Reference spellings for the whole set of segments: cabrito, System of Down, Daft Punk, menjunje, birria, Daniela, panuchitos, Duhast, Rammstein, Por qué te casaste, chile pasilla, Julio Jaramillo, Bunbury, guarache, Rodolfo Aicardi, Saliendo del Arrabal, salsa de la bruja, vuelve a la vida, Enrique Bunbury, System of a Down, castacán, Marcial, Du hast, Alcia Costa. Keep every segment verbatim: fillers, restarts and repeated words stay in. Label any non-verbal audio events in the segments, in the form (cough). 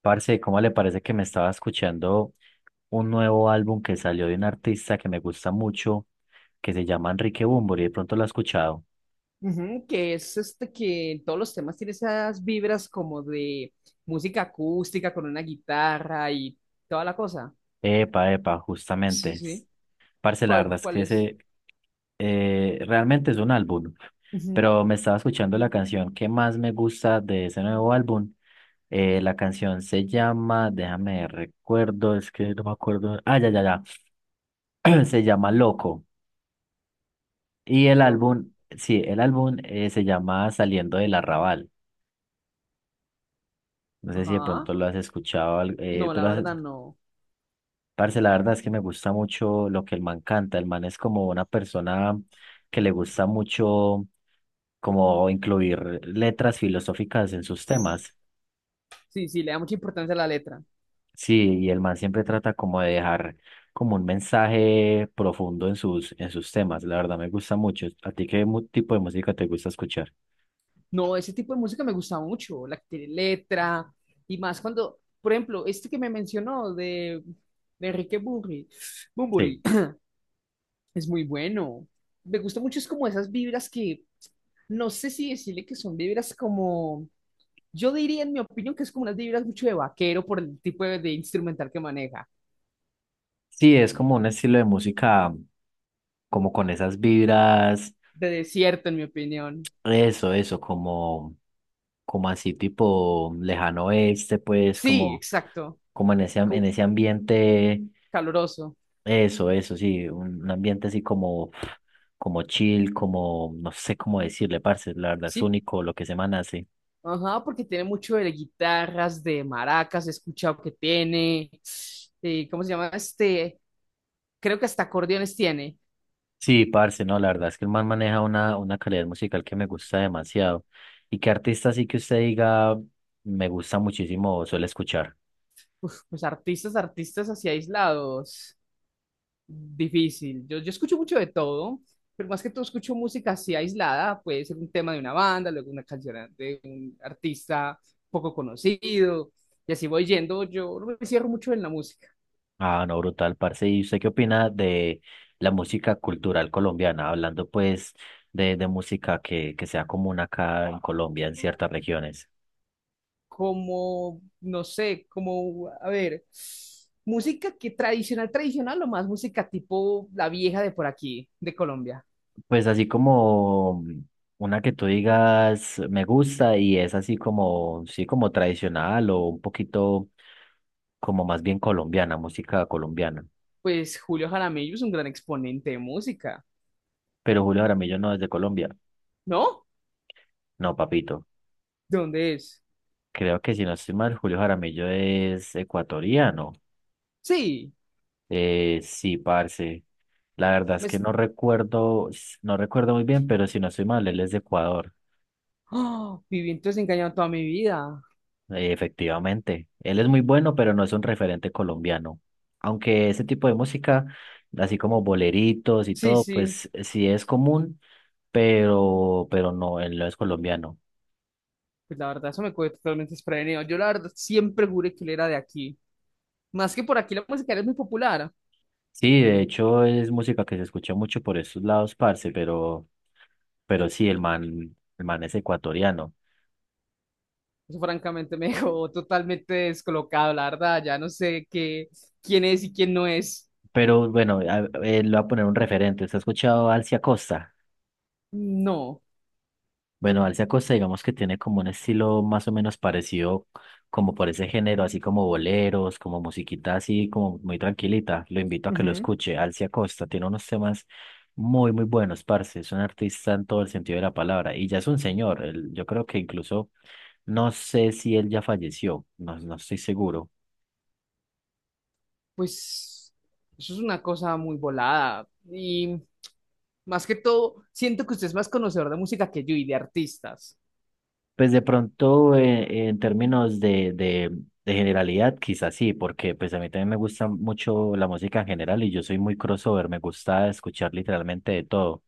Parce, ¿cómo le parece? Que me estaba escuchando un nuevo álbum que salió de un artista que me gusta mucho, que se llama Enrique Bunbury. De pronto lo ha escuchado. Ujú, que es este que en todos los temas tiene esas vibras como de música acústica con una guitarra y toda la cosa. Epa, epa, justamente. Sí, es- sí. Parce, la ¿Cuál, verdad es cuál que es? ese eh, realmente es un álbum, Ujú, pero me estaba escuchando la canción que más me gusta de ese nuevo álbum. Eh, la canción se llama, déjame recuerdo, es que no me acuerdo. Ah, ya, ya, ya. (clears throat) Se llama Loco. Y el Lo. álbum, sí, el álbum eh, se llama Saliendo del Arrabal. No sé si de Ajá. pronto lo has escuchado, al- eh, No, la pero has- verdad no. parce, la verdad es que me gusta mucho lo que el man canta. El man es como una persona que le gusta mucho como incluir letras filosóficas en sus temas. Sí, sí, le da mucha importancia a la letra. Sí, y el man siempre trata como de dejar como un mensaje profundo en sus, en sus temas. La verdad me gusta mucho. ¿A ti qué mu- tipo de música te gusta escuchar? No, ese tipo de música me gusta mucho, la que tiene letra y más cuando, por ejemplo, este que me mencionó de, de Enrique Burri, Sí. Bunbury. Es muy bueno. Me gusta mucho, es como esas vibras que, no sé si decirle que son vibras como, yo diría en mi opinión que es como unas vibras mucho de vaquero por el tipo de, de instrumental que maneja. Sí, es como un estilo de música como con esas vibras. De desierto, en mi opinión. Eso, eso, como, como así tipo lejano oeste, pues Sí, como, exacto. como en ese, am- en cu- ese ambiente, Caloroso. eso, eso, sí, un, un ambiente así como, como chill, como, no sé cómo decirle, parce, la verdad es Sí, único lo que ese man hace. ajá, porque tiene mucho de guitarras, de maracas, he escuchado que tiene. Eh, ¿cómo se llama? Este, creo que hasta acordeones tiene. Sí, parce, no, la verdad es que el man maneja una, una calidad musical que me gusta demasiado. ¿Y qué artista así que usted diga me gusta muchísimo suele escuchar? Uf, pues artistas, artistas así aislados. Difícil. Yo, yo escucho mucho de todo, pero más que todo escucho música así aislada. Puede ser un tema de una banda, luego una canción de un artista poco conocido. Y así voy yendo. Yo no me cierro mucho en la música. Ah, no, brutal, parce. ¿Y usted qué opina de la música cultural colombiana? Hablando pues de, de música que, que sea común acá en Colombia, en ciertas regiones. Como, no sé, como, a ver, música que tradicional, tradicional o más música tipo la vieja de por aquí, de Colombia. Pues así como una que tú digas me gusta y es así como, sí, como tradicional o un poquito como más bien colombiana, música colombiana. Pues Julio Jaramillo es un gran exponente de música, Pero Julio Jaramillo no es de Colombia. ¿no? No, papito. ¿De dónde es? Creo que si no estoy mal, Julio Jaramillo es ecuatoriano. Sí, Eh, sí, parce. La verdad es me, que no recuerdo, no recuerdo muy bien, pero si no estoy mal, él es de Ecuador. ¡oh! Viví entonces engañado toda mi vida. Eh, efectivamente. Él es muy bueno, pero no es un referente colombiano. Aunque ese tipo de música, así como boleritos y Sí, todo, sí. pues sí es común, pero, pero no, él no es colombiano. Pues la verdad, eso me cogió totalmente desprevenido. Yo la verdad siempre juré que él era de aquí. Más que por aquí la música era muy popular. Sí, de hecho es música que se escucha mucho por esos lados, parce, pero, pero sí, el man, el man es ecuatoriano. Eso francamente me (laughs) dejó totalmente descolocado, la verdad. Ya no sé qué, quién es y quién no es. Pero bueno, a- eh, le voy a poner un referente. ¿Usted ha escuchado a Alcia Costa? No. Bueno, Alcia Costa, digamos que tiene como un estilo más o menos parecido, como por ese género, así como boleros, como musiquita así, como muy tranquilita. Lo invito a que lo Ujú. escuche. Alcia Costa tiene unos temas muy, muy buenos, parce. Es un artista en todo el sentido de la palabra. Y ya es un señor. Él- yo creo que incluso, no sé si él ya falleció, no, no estoy seguro. Pues eso es una cosa muy volada. Y más que todo, siento que usted es más conocedor de música que yo y de artistas. Pues de pronto, eh, en términos de, de, de generalidad, quizás sí, porque pues a mí también me gusta mucho la música en general y yo soy muy crossover, me gusta escuchar literalmente de todo.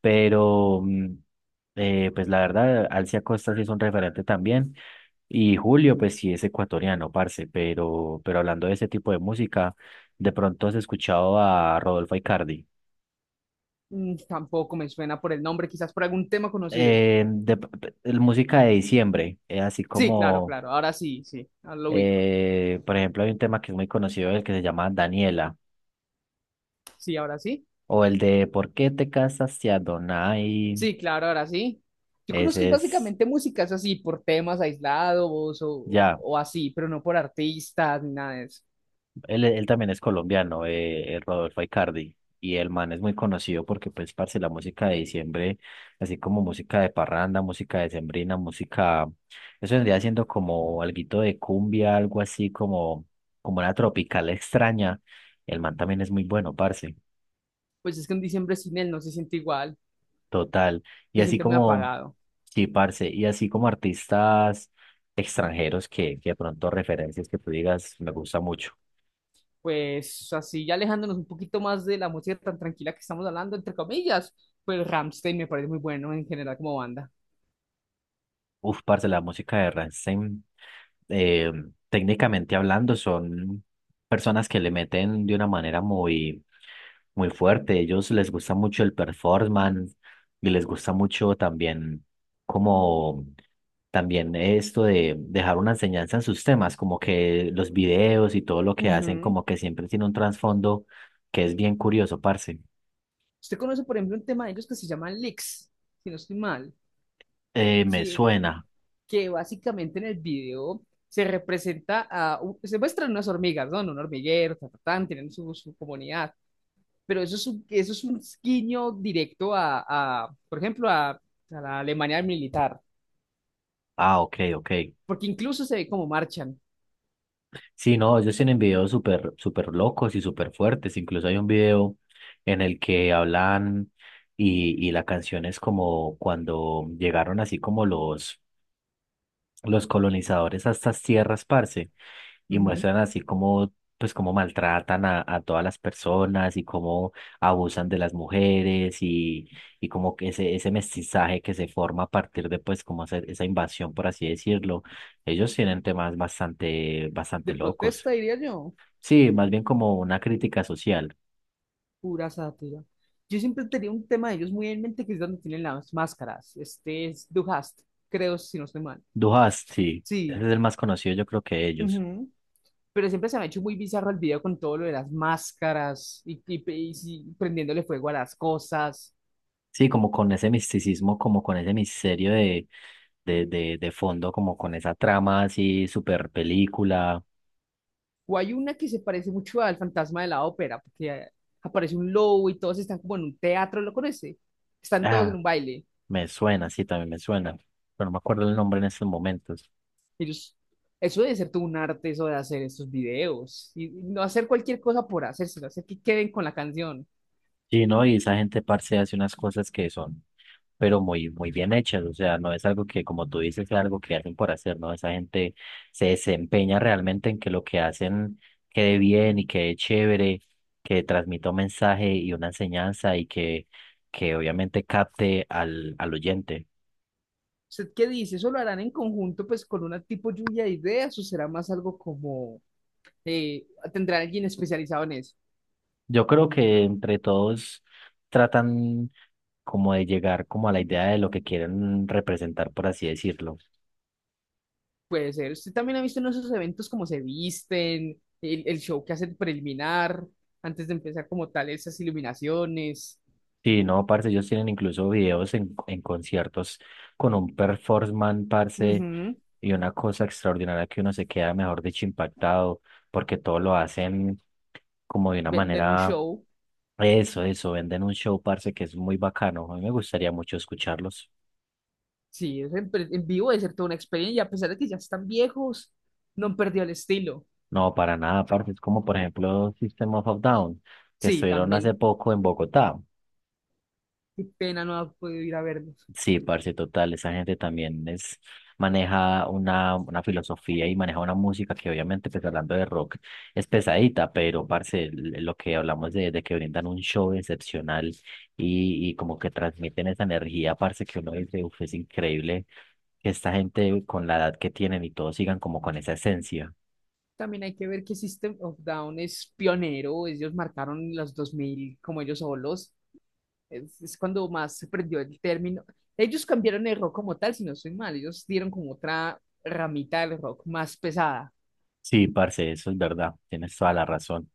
Pero, mm, eh, pues la verdad, Alcia Costa sí es un referente también. Y Julio, pues sí es ecuatoriano, parce, pero, pero hablando de ese tipo de música, de pronto has escuchado a Rodolfo Aicardi. Mm, tampoco me suena por el nombre, quizás por algún tema conocido. Eh, de, p- p- el música de diciembre, eh, así Sí, claro, como... claro. Ahora sí, sí. Ahora lo ubico. Eh, por ejemplo, hay un tema que es muy conocido, el que se llama Daniela, Sí, ahora sí. o el de ¿por qué te casaste a... Sí, claro, ahora sí. Yo conozco Ese es, básicamente músicas así, por temas aislados o, ya, o así, pero no por artistas ni nada de eso. él, él también es colombiano, eh, eh, Rodolfo Aicardi, y el man es muy conocido porque, pues, parce, la música de diciembre, así como música de parranda, música de sembrina música, eso vendría siendo como alguito de cumbia, algo así como, como una tropical (laughs) extraña. El man también es muy bueno, parce. Pues es que un diciembre sin él no se siente igual, Total. Y se así siente muy como, apagado. sí, parce, y así como artistas extranjeros que, que de pronto referencias que tú digas, me gusta mucho. Pues así, ya alejándonos un poquito más de la música tan tranquila que estamos hablando, entre comillas, pues Rammstein me parece muy bueno en general como banda. Uf, parce, la música de Rammstein, eh, técnicamente hablando, son personas que le meten de una manera muy muy fuerte. Ellos les gusta mucho el performance y les gusta mucho también como también esto de dejar una enseñanza en sus temas, como que los videos y todo lo que hacen, Ujú. como que siempre tiene un trasfondo que es bien curioso, parce. Usted conoce, por ejemplo, un tema de ellos que se llama Licks, si no estoy mal, Eh, me que suena. que básicamente en el video se representa a, u- se muestran unas hormigas, ¿no? En un hormiguero, ta, ta, tan, tienen su, su comunidad, pero eso es un, eso es un guiño directo a, a, por ejemplo, a, a la Alemania militar, Ah, ok, ok. porque incluso se ve cómo marchan. Sí, no, ellos tienen videos súper, súper locos y súper fuertes. Incluso hay un video en el que hablan y, y la canción es como cuando llegaron así como los los colonizadores a estas tierras, parce, y Ujú. muestran así como, pues, cómo maltratan a, a todas las personas y cómo abusan de las mujeres y, y como que ese, ese mestizaje que se forma a partir de, pues, como hacer esa invasión, por así decirlo. Ellos tienen temas bastante, bastante De locos. protesta, diría yo, Sí, más bien como una crítica social. pura sátira. Yo siempre tenía un tema de ellos muy en mente, que es donde tienen las máscaras. Este es Du hast, creo, si no estoy mal. Duhast, sí, ese es Sí. el más conocido, yo creo que ellos. Ujú. Pero siempre se me ha hecho muy bizarro el video con todo lo de las máscaras y, y, y si- prendiéndole fuego a las cosas. Sí, como con ese misticismo, como con ese misterio de de, de, de fondo, como con esa trama así, super película. O hay una que se parece mucho al fantasma de la ópera, porque eh, aparece un lobo y todos están como en un teatro, ¿lo conoce? Están todos en Ah, un baile. me suena, sí, también me suena, pero no me acuerdo el nombre en estos momentos. Ellos, eso debe ser todo un arte, eso de hacer estos videos. Y no hacer cualquier cosa por hacerse, hacer que queden con la canción. Sí, ¿no? Y esa gente parce hace unas cosas que son, pero muy, muy bien hechas, o sea, no es algo que, como tú dices, es algo que hacen por hacer, ¿no? Esa gente se desempeña realmente en que lo que hacen quede bien y quede chévere, que transmita un mensaje y una enseñanza y que, que obviamente capte al, al oyente. ¿Usted qué dice? ¿Eso lo harán en conjunto, pues, con una tipo lluvia de ideas o será más algo como, eh, tendrá alguien especializado en eso? Yo creo que entre todos tratan como de llegar como a la idea de lo que quieren representar, por así decirlo. Puede ser. ¿Usted también ha visto en esos eventos cómo se visten, el, el show que hacen preliminar, antes de empezar como tal esas iluminaciones? Sí, no, parce, ellos tienen incluso videos en, en conciertos con un performance, parce, Ujú. y una cosa extraordinaria que uno se queda mejor dicho impactado, porque todo lo hacen como de una Venden un manera, show. eso, eso, venden un show, parce, que es muy bacano. A mí me gustaría mucho escucharlos. Sí, es en, en vivo debe ser toda una experiencia, y a pesar de que ya están viejos, no han perdido el estilo. No, para nada, parce. Es como, por ejemplo, System of a Down, que Sí, estuvieron hace también. poco en Bogotá. Qué pena no haber podido ir a verlos. Sí, parce, total. Esa gente también es, maneja una, una filosofía y maneja una música que, obviamente, pues hablando de rock, es pesadita, pero, parce, l- lo que hablamos de, de que brindan un show excepcional y, y como que transmiten esa energía, parce, que uno dice, uff, es increíble que esta gente con la edad que tienen y todos sigan como con esa esencia. También hay que ver que System of Down es pionero, ellos marcaron los dos mil como ellos solos. Es, es cuando más se prendió el término. Ellos cambiaron el rock como tal, si no estoy mal. Ellos dieron como otra ramita del rock más pesada. Sí, parce, eso es verdad. Tienes toda la razón.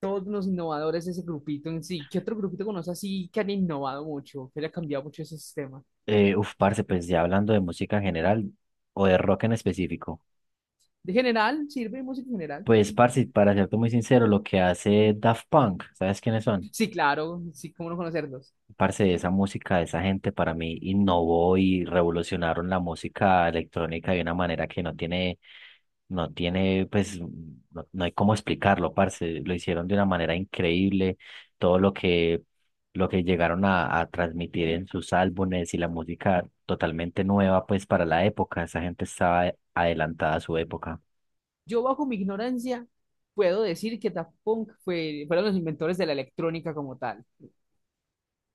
Todos los innovadores de ese grupito en sí. ¿Qué otro grupito conoces así que han innovado mucho, que le ha cambiado mucho ese sistema? Eh, uf, parce, pues ya hablando de música en general o de rock en específico. De general, sirve de música en general. Pues, parce, para serte muy sincero, lo que hace Daft Punk, ¿sabes quiénes son? Sí, claro, sí, cómo no conocerlos. Parce, esa música de esa gente para mí innovó y revolucionaron la música electrónica de una manera que no tiene. No tiene, pues, no, no hay cómo explicarlo, parce. Lo hicieron de una manera increíble. Todo lo que, lo que llegaron a, a transmitir en sus álbumes y la música totalmente nueva, pues, para la época. Esa gente estaba adelantada a su época. Yo bajo mi ignorancia puedo decir que Daft Punk fue, fueron los inventores de la electrónica como tal.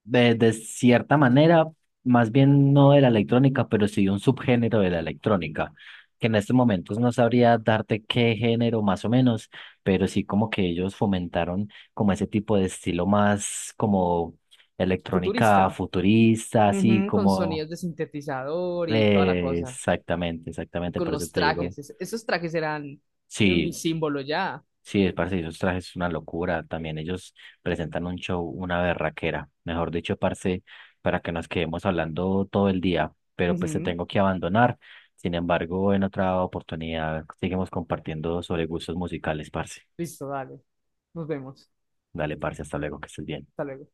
De, de cierta manera, más bien no de la electrónica, pero sí de un subgénero de la electrónica, que en estos momentos no sabría darte qué género más o menos, pero sí como que ellos fomentaron como ese tipo de estilo más como electrónica Futurista, futurista, así ujú, con como... sonidos de sintetizador y toda la eh, cosa. exactamente, Y exactamente, con por eso los te digo. trajes, es- esos trajes eran eh, mi Sí, símbolo ya. sí, es parce, esos trajes es una locura. También ellos presentan un show, una berraquera. Mejor dicho, parce, para que nos quedemos hablando todo el día. Pero pues te Ujú, tengo que abandonar. Sin embargo, en otra oportunidad seguimos compartiendo sobre gustos musicales, parce. listo, dale. Nos vemos. Dale, parce, hasta luego, que estés bien. Hasta luego.